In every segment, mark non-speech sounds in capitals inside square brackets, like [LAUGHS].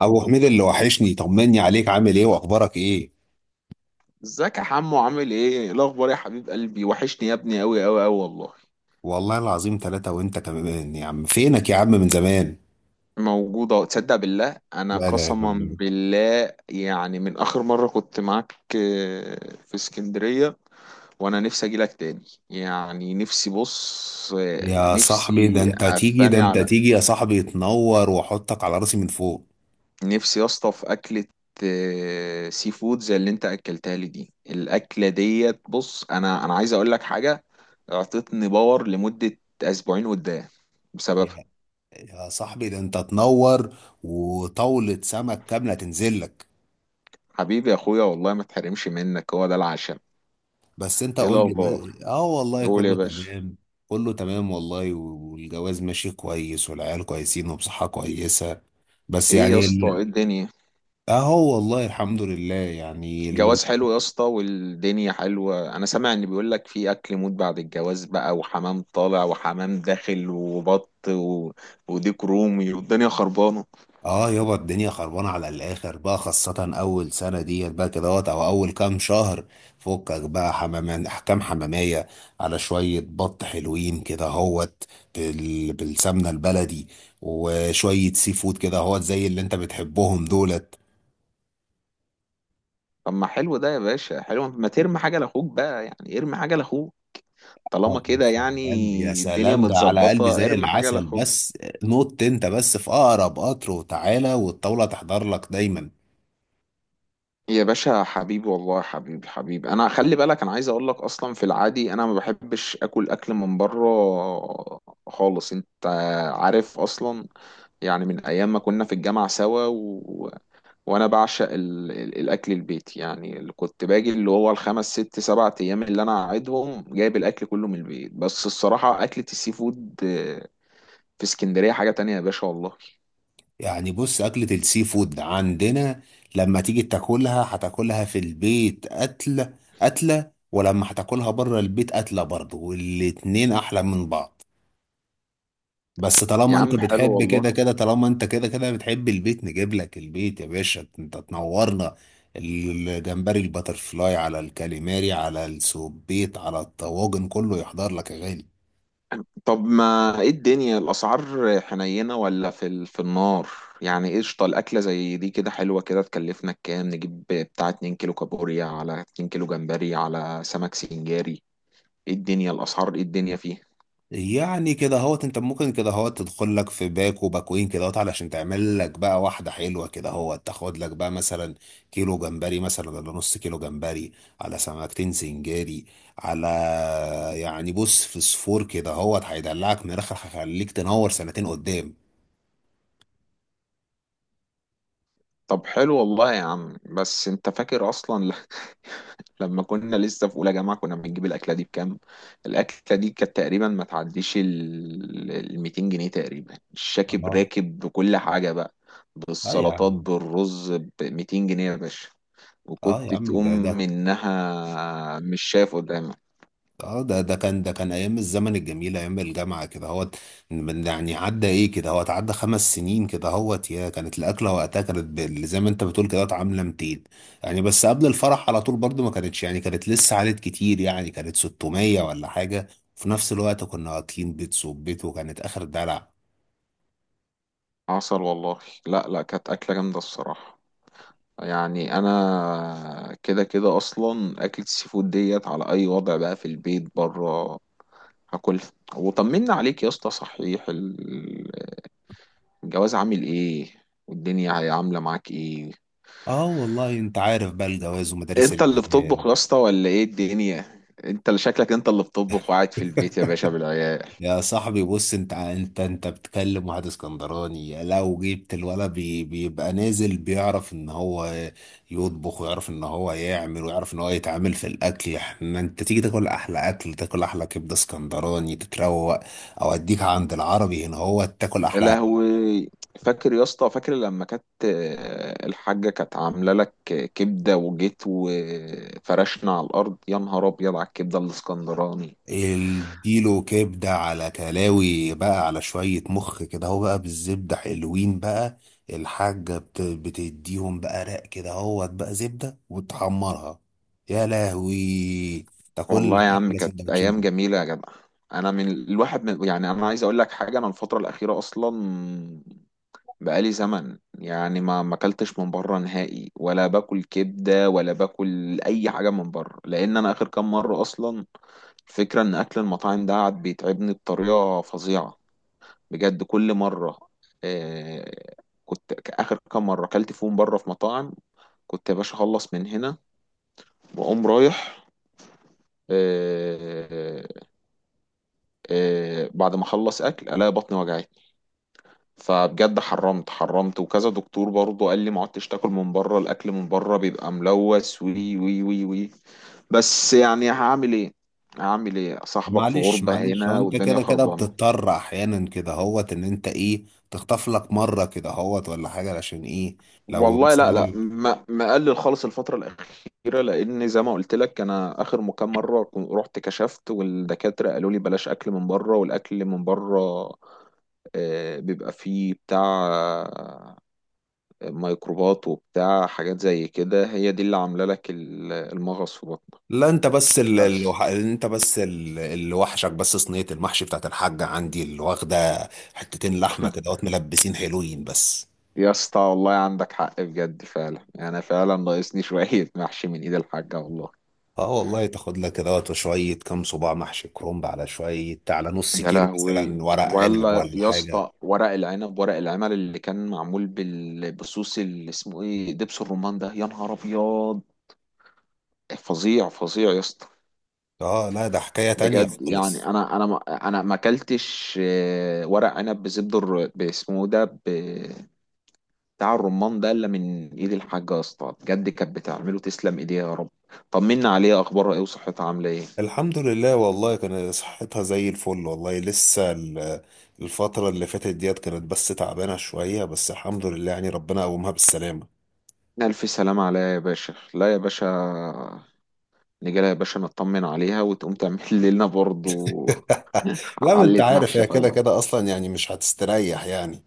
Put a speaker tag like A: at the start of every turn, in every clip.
A: ابو حميد، اللي وحشني، طمني عليك، عامل ايه واخبارك ايه؟
B: ازيك يا حمو، عامل ايه؟ إيه الاخبار يا حبيب قلبي؟ وحشني يا ابني، قوي قوي قوي والله.
A: والله العظيم، ثلاثة. وانت كمان يا عم، فينك يا عم من زمان؟
B: موجودة، تصدق بالله، انا
A: لا لا يا
B: قسما
A: جميل.
B: بالله يعني من اخر مرة كنت معاك في اسكندرية. وانا نفسي اجي لك تاني. يعني نفسي، بص،
A: يا صاحبي، ده
B: نفسي
A: انت تيجي ده
B: افاني
A: انت
B: على
A: تيجي يا صاحبي، تنور واحطك على راسي من فوق.
B: نفسي يا اسطى في اكلة، سي فود زي اللي انت اكلتها لي دي. الاكلة ديت، بص، انا عايز اقول لك حاجة، اعطتني باور لمدة اسبوعين قدام
A: يا
B: بسببها.
A: يا صاحبي، ده انت تنور، وطاولة سمك كاملة تنزل لك.
B: حبيبي يا اخويا، والله ما تحرمش منك، هو ده العشم.
A: بس انت
B: ايه
A: قول لي،
B: الاخبار؟
A: والله
B: قول يا
A: كله
B: باشا.
A: تمام. كله تمام والله، والجواز ماشي كويس، والعيال كويسين وبصحة كويسة. بس
B: ايه
A: يعني،
B: يا اسطى، ايه الدنيا؟
A: اهو والله الحمد لله،
B: جواز حلو يا اسطى والدنيا حلوه. انا سامع ان بيقول لك في اكل موت بعد الجواز بقى، وحمام طالع وحمام داخل وبط وديك رومي والدنيا خربانه.
A: اه يابا، الدنيا خربانه على الاخر بقى، خاصه اول سنه ديت بقى كده وقت، او اول كام شهر. فكك بقى حمامان احكام حماميه، على شويه بط حلوين كده هوت، بالسمنه البلدي، وشويه سي فود كده هوت، زي اللي انت بتحبهم دولت.
B: طب ما حلو ده يا باشا، حلو، ما ترمي حاجه لاخوك بقى، يعني ارمي حاجه لاخوك طالما
A: يا
B: كده يعني.
A: سلام يا
B: الدنيا
A: سلام، ده على قلبي
B: متظبطه،
A: زي
B: ارمي حاجه
A: العسل.
B: لاخوك.
A: بس نط انت بس في اقرب قطر وتعالى، والطاوله تحضر لك دايما.
B: يا باشا حبيبي والله، حبيبي حبيبي. انا خلي بالك، انا عايز اقول لك، اصلا في العادي انا ما بحبش اكل من بره خالص، انت عارف اصلا، يعني من ايام ما كنا في الجامعه سوا وانا بعشق الاكل البيتي. يعني اللي كنت باجي، اللي هو الخمس ست سبع ايام اللي انا قاعدهم، جايب الاكل كله من البيت. بس الصراحه اكله السي فود، في اسكندريه حاجه تانية يا باشا، والله.
A: يعني بص، أكلة السي فود عندنا لما تيجي تاكلها، هتاكلها في البيت قتلة، قتلة. ولما هتاكلها بره البيت قتلة برضه، والاتنين أحلى من بعض. بس
B: يا
A: طالما أنت
B: عم حلو
A: بتحب كده
B: والله.
A: كده، طالما أنت كده كده بتحب البيت، نجيب لك البيت يا باشا، أنت تنورنا. الجمبري الباترفلاي على الكاليماري على السوبيت على الطواجن، كله يحضر لك يا غالي.
B: طب ما ايه الدنيا، الاسعار حنينه ولا في في النار؟ يعني إيه قشطه، الاكله زي دي كده حلوه كده تكلفنا كام؟ نجيب بتاع 2 كيلو كابوريا على 2 كيلو جمبري على سمك سنجاري. ايه الدنيا الاسعار، ايه الدنيا فيها؟
A: يعني كده هوت، انت ممكن كده هوت تدخل لك في باك وباكوين كده هوت، علشان تعمل لك بقى واحدة حلوة كده هوت، تاخد لك بقى مثلا كيلو جمبري، مثلا، ولا نص كيلو جمبري، على سمكتين سنجاري، على يعني بص، فسفور كده هوت هيدلعك من الاخر، هيخليك تنور سنتين قدام.
B: طب حلو والله يا عم. بس انت فاكر اصلا لما كنا لسه في اولى جامعه كنا بنجيب الاكله دي بكام؟ الاكله دي كانت تقريبا ما تعديش ال 200 جنيه تقريبا، الشاكب
A: اه،
B: راكب بكل حاجه بقى،
A: اه يا
B: بالسلطات
A: عم،
B: بالرز، ب 200 جنيه يا باشا،
A: اه يا
B: وكنت
A: عم،
B: تقوم
A: ده ده
B: منها مش شايف قدامك.
A: اه ده ده كان ده كان ايام الزمن الجميل، ايام الجامعه كده هوت. يعني عدى ايه كده هوت، عدى 5 سنين كده هوت، يا كانت الاكله وقتها كانت زي ما انت بتقول كده هوت عامله 200. يعني بس قبل الفرح على طول برضو ما كانتش، يعني كانت لسه عالت كتير، يعني كانت 600 ولا حاجه. في نفس الوقت كنا واكلين بيت صوب بيت، وكانت اخر دلع.
B: عسل والله. لا لا، كانت اكله جامده الصراحه. يعني انا كده كده اصلا اكلة السي فود ديت على اي وضع بقى، في البيت بره هاكلها. وطمنا عليك يا اسطى، صحيح الجواز عامل ايه؟ والدنيا هي عامله معاك ايه؟
A: اه والله، انت عارف بقى، الجواز ومدارس
B: انت اللي بتطبخ
A: العيال.
B: يا اسطى ولا ايه الدنيا؟ انت اللي شكلك انت اللي بتطبخ وقاعد في البيت يا باشا بالعيال.
A: يا صاحبي بص، انت بتكلم واحد اسكندراني، لو جبت الولد بي بيبقى نازل بيعرف ان هو يطبخ، ويعرف ان هو يعمل، ويعرف ان هو يتعامل في الاكل. احنا انت تيجي تاكل احلى اكل، تاكل احلى كبده اسكندراني تتروق، او اديك عند العربي هنا هو تاكل
B: يا
A: احلى.
B: لهوي. فاكر يا اسطى، فاكر لما كانت، الحاجه كانت عامله لك كبده وجيت وفرشنا على الارض، يا نهار ابيض على الكبده الاسكندراني.
A: اديله كبدة على كلاوي بقى، على شوية مخ كده هو بقى بالزبدة حلوين بقى، الحاجة بتديهم بقى رق كده هو بقى زبدة وتحمرها. يا لهوي. تاكل
B: والله يا
A: لك
B: عم،
A: أحلى
B: كانت
A: سندوتشين
B: ايام
A: بكرة.
B: جميله يا جدع. انا من الواحد من، يعني انا عايز اقول لك حاجه، انا الفتره الاخيره اصلا بقالي زمن يعني ما اكلتش من بره نهائي، ولا باكل كبده ولا باكل اي حاجه من بره، لان انا اخر كام مره اصلا، الفكره ان اكل المطاعم ده قعد بيتعبني بطريقه فظيعه بجد، كل مره. آه كنت اخر كام مره اكلت فيهم بره في مطاعم، كنت يا باشا اخلص من هنا واقوم رايح، آه آه بعد ما اخلص اكل الاقي بطني وجعت. فبجد حرمت حرمت، وكذا دكتور برضه قال لي ما عدتش تاكل من بره، الاكل من بره بيبقى ملوث وي وي وي وي بس يعني هعمل ايه؟ هعمل ايه، صاحبك في
A: معلش
B: غربة
A: معلش، هو
B: هنا
A: انت
B: والدنيا
A: كده كده
B: خربانة.
A: بتضطر احيانا كده هوت ان انت ايه، تخطف لك مره كده هوت، ولا حاجه عشان ايه لو
B: والله لا لا،
A: مثلا.
B: ما مقلل خالص الفترة الأخيرة، لأن زي ما قلت لك أنا آخر كام مرة رحت كشفت والدكاترة قالوا لي بلاش أكل من بره، والأكل من بره بيبقى فيه بتاع ميكروبات وبتاع حاجات زي كده، هي دي اللي عاملة لك المغص في بطنك.
A: لا انت بس،
B: بس.
A: اللي وحشك بس صينية المحشي بتاعت الحاجة عندي، اللي واخدة حتتين لحمة كده
B: [LAUGHS]
A: وات، ملبسين حلوين بس.
B: يا اسطى والله عندك حق، بجد فعلا، انا فعلا ناقصني [LAUGHS] شوية محشي من ايد الحاجة والله.
A: اه والله، تاخد لك كده وات شوية كام صباع محشي كرنب، على شوية، على نص
B: يا
A: كيلو
B: لهوي.
A: مثلا ورق عنب
B: ولا
A: ولا
B: يا
A: حاجة.
B: اسطى ورق العنب، ورق العمل اللي كان معمول بالصوص اللي اسمه ايه، دبس الرمان ده، يا نهار ابيض، فظيع فظيع يا اسطى.
A: اه، لا، ده حكاية تانية
B: بجد يعني
A: خالص.
B: انا انا ما انا ما اكلتش ورق عنب بزبده باسمه ده بتاع الرمان ده الا من ايد الحاجه يا اسطى، بجد كانت بتعمله، تسلم ايديها يا رب. طمنا عليها، اخبارها ايه وصحتها عامله ايه؟
A: الحمد لله والله، كان صحتها زي الفل والله، لسه الفترة اللي فاتت ديت كانت بس تعبانة شوية، بس الحمد لله يعني ربنا قومها بالسلامة.
B: الف سلامه عليها يا باشا. لا يا باشا، نجي لها يا باشا نطمن عليها وتقوم تعمل [LAUGHS] لنا برضو
A: لا ما انت
B: علة
A: عارف،
B: محشي
A: هي كده
B: حالا.
A: كده اصلا يعني مش هتستريح يعني.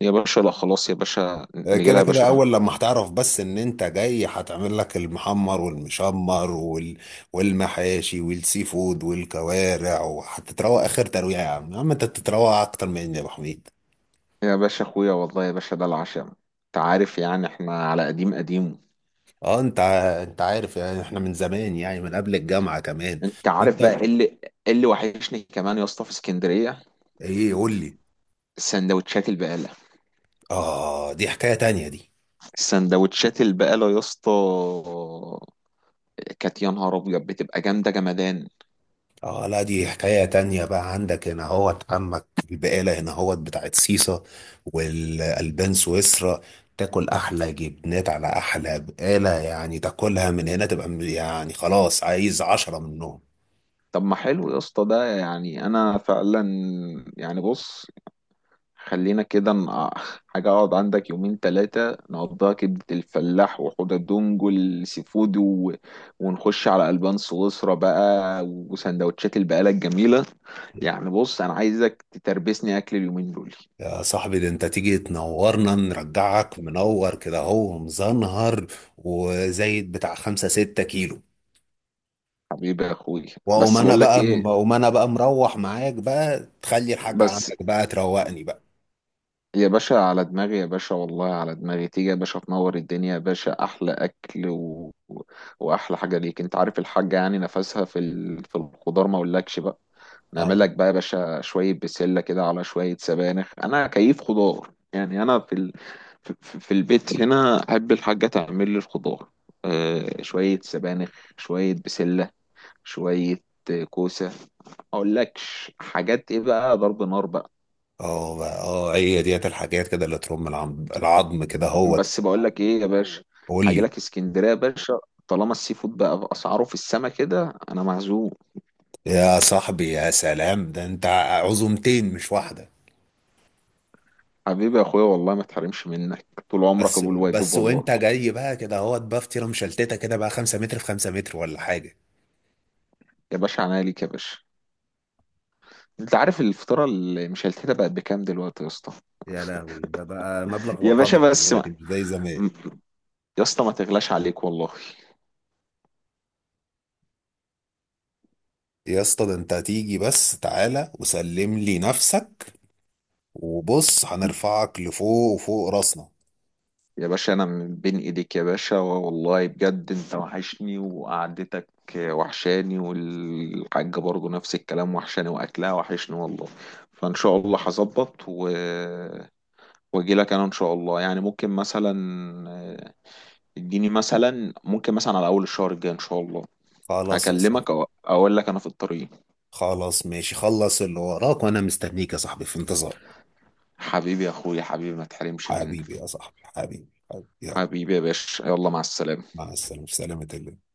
B: يا باشا لا، خلاص يا باشا.
A: هي
B: نجي لها
A: كده
B: يا باشا
A: كده اول لما هتعرف بس ان انت جاي، هتعمل لك المحمر والمشمر والمحاشي والسي فود والكوارع، وهتتروق اخر ترويع. يا عم، يا عم، انت بتتروق اكتر مني يا ابو حميد.
B: يا باشا اخويا، والله يا باشا ده العشم. انت عارف يعني احنا على قديم قديم.
A: اه، انت عارف يعني، احنا من زمان يعني من قبل الجامعة كمان.
B: انت
A: وانت
B: عارف بقى ايه اللي، إيه اللي وحشني كمان يا اسطى في اسكندريه؟
A: ايه؟ قول لي.
B: السندوتشات البقاله.
A: اه دي حكاية تانية دي.
B: سندوتشات البقالة يا اسطى كانت يا نهار ابيض، بتبقى جامدة جمدان.
A: اه لا، دي حكاية تانية بقى، عندك هنا هوت عمك البقالة هنا هوت بتاعت سيسا، والألبان سويسرا، تاكل أحلى جبنات على أحلى بقالة، يعني تاكلها من هنا تبقى يعني خلاص عايز 10 منهم.
B: طب ما حلو يا اسطى ده، يعني انا فعلا، يعني بص، خلينا كده [LAUGHS] حاجة اقعد عندك يومين تلاتة نقضيها كبدة الفلاح وحوض الدونج والسي فود ونخش على ألبان سويسرا بقى وسندوتشات البقالة الجميلة. يعني بص، انا عايزك تتربسني اكل اليومين دول.
A: يا صاحبي، ده انت تيجي تنورنا، نرجعك منور كده هو مزنهر، وزايد بتاع 5 6 كيلو.
B: حبيبي يا اخوي.
A: واقوم
B: بس
A: انا
B: بقول لك
A: بقى
B: ايه،
A: واقوم انا بقى مروح معاك بقى، تخلي الحاجة
B: بس.
A: عندك بقى تروقني بقى.
B: يا باشا على دماغي، يا باشا والله على دماغي، تيجي يا باشا تنور الدنيا يا باشا، احلى اكل واحلى حاجه ليك. انت عارف الحاجه يعني نفسها في الخضار ما اقولكش بقى. نعمل
A: اه،
B: لك بقى يا باشا شويه بسله كده على شويه سبانخ، انا كيف خضار، يعني انا في ال... في في- في البيت هنا احب الحاجه تعمل لي الخضار، آه، شويه سبانخ، شويه بسله، شويه، كوسه، ما اقولكش حاجات ايه بقى، ضرب نار بقى.
A: اه بقى، اه هي ديت الحاجات كده اللي ترم العظم، العظم كده هوت.
B: بس بقول لك ايه يا باشا،
A: قول
B: هاجي
A: لي.
B: لك اسكندريه يا باشا. طالما السي فود بقى باسعاره في السما كده، انا معزوم.
A: يا صاحبي يا سلام، ده انت عزومتين مش واحده.
B: حبيبي يا اخويا، والله ما تحرمش منك، طول عمرك
A: بس
B: ابو الواجب
A: بس
B: والله.
A: وانت جاي بقى كده هوت، بقى فطيره مشلتته كده بقى 5 متر في 5 متر، ولا حاجه.
B: يا باشا عناية ليك يا باشا. انت عارف الفطاره اللي مش هلتها بقت بكام دلوقتي يا اسطى؟
A: يا لهوي، ده بقى مبلغ
B: [LAUGHS] يا باشا
A: وقدره
B: بس ما.
A: دلوقتي، مش زي زمان.
B: يا اسطى ما تغلاش عليك والله.
A: يا اسطى، ده انت هتيجي بس تعالى وسلم لي نفسك، وبص هنرفعك لفوق وفوق راسنا.
B: يا باشا انا من بين ايديك يا باشا والله، بجد انت وحشني وقعدتك وحشاني، والحاجة برضو نفس الكلام، وحشاني واكلها وحشني والله. فان شاء الله هظبط واجي لك انا ان شاء الله. يعني ممكن مثلا، آه، اديني مثلا، ممكن مثلا على اول الشهر الجاي ان شاء الله
A: خلاص يا صاحبي،
B: هكلمك أو اقول لك انا في الطريق.
A: خلاص ماشي، خلص اللي وراك وانا مستنيك يا صاحبي في انتظار.
B: حبيبي يا اخويا، حبيبي ما تحرمش منك.
A: حبيبي يا صاحبي، حبيبي حبيبي، يلا
B: حبيبي يا باشا، يلا مع السلامة.
A: مع السلامة في سلامة الله.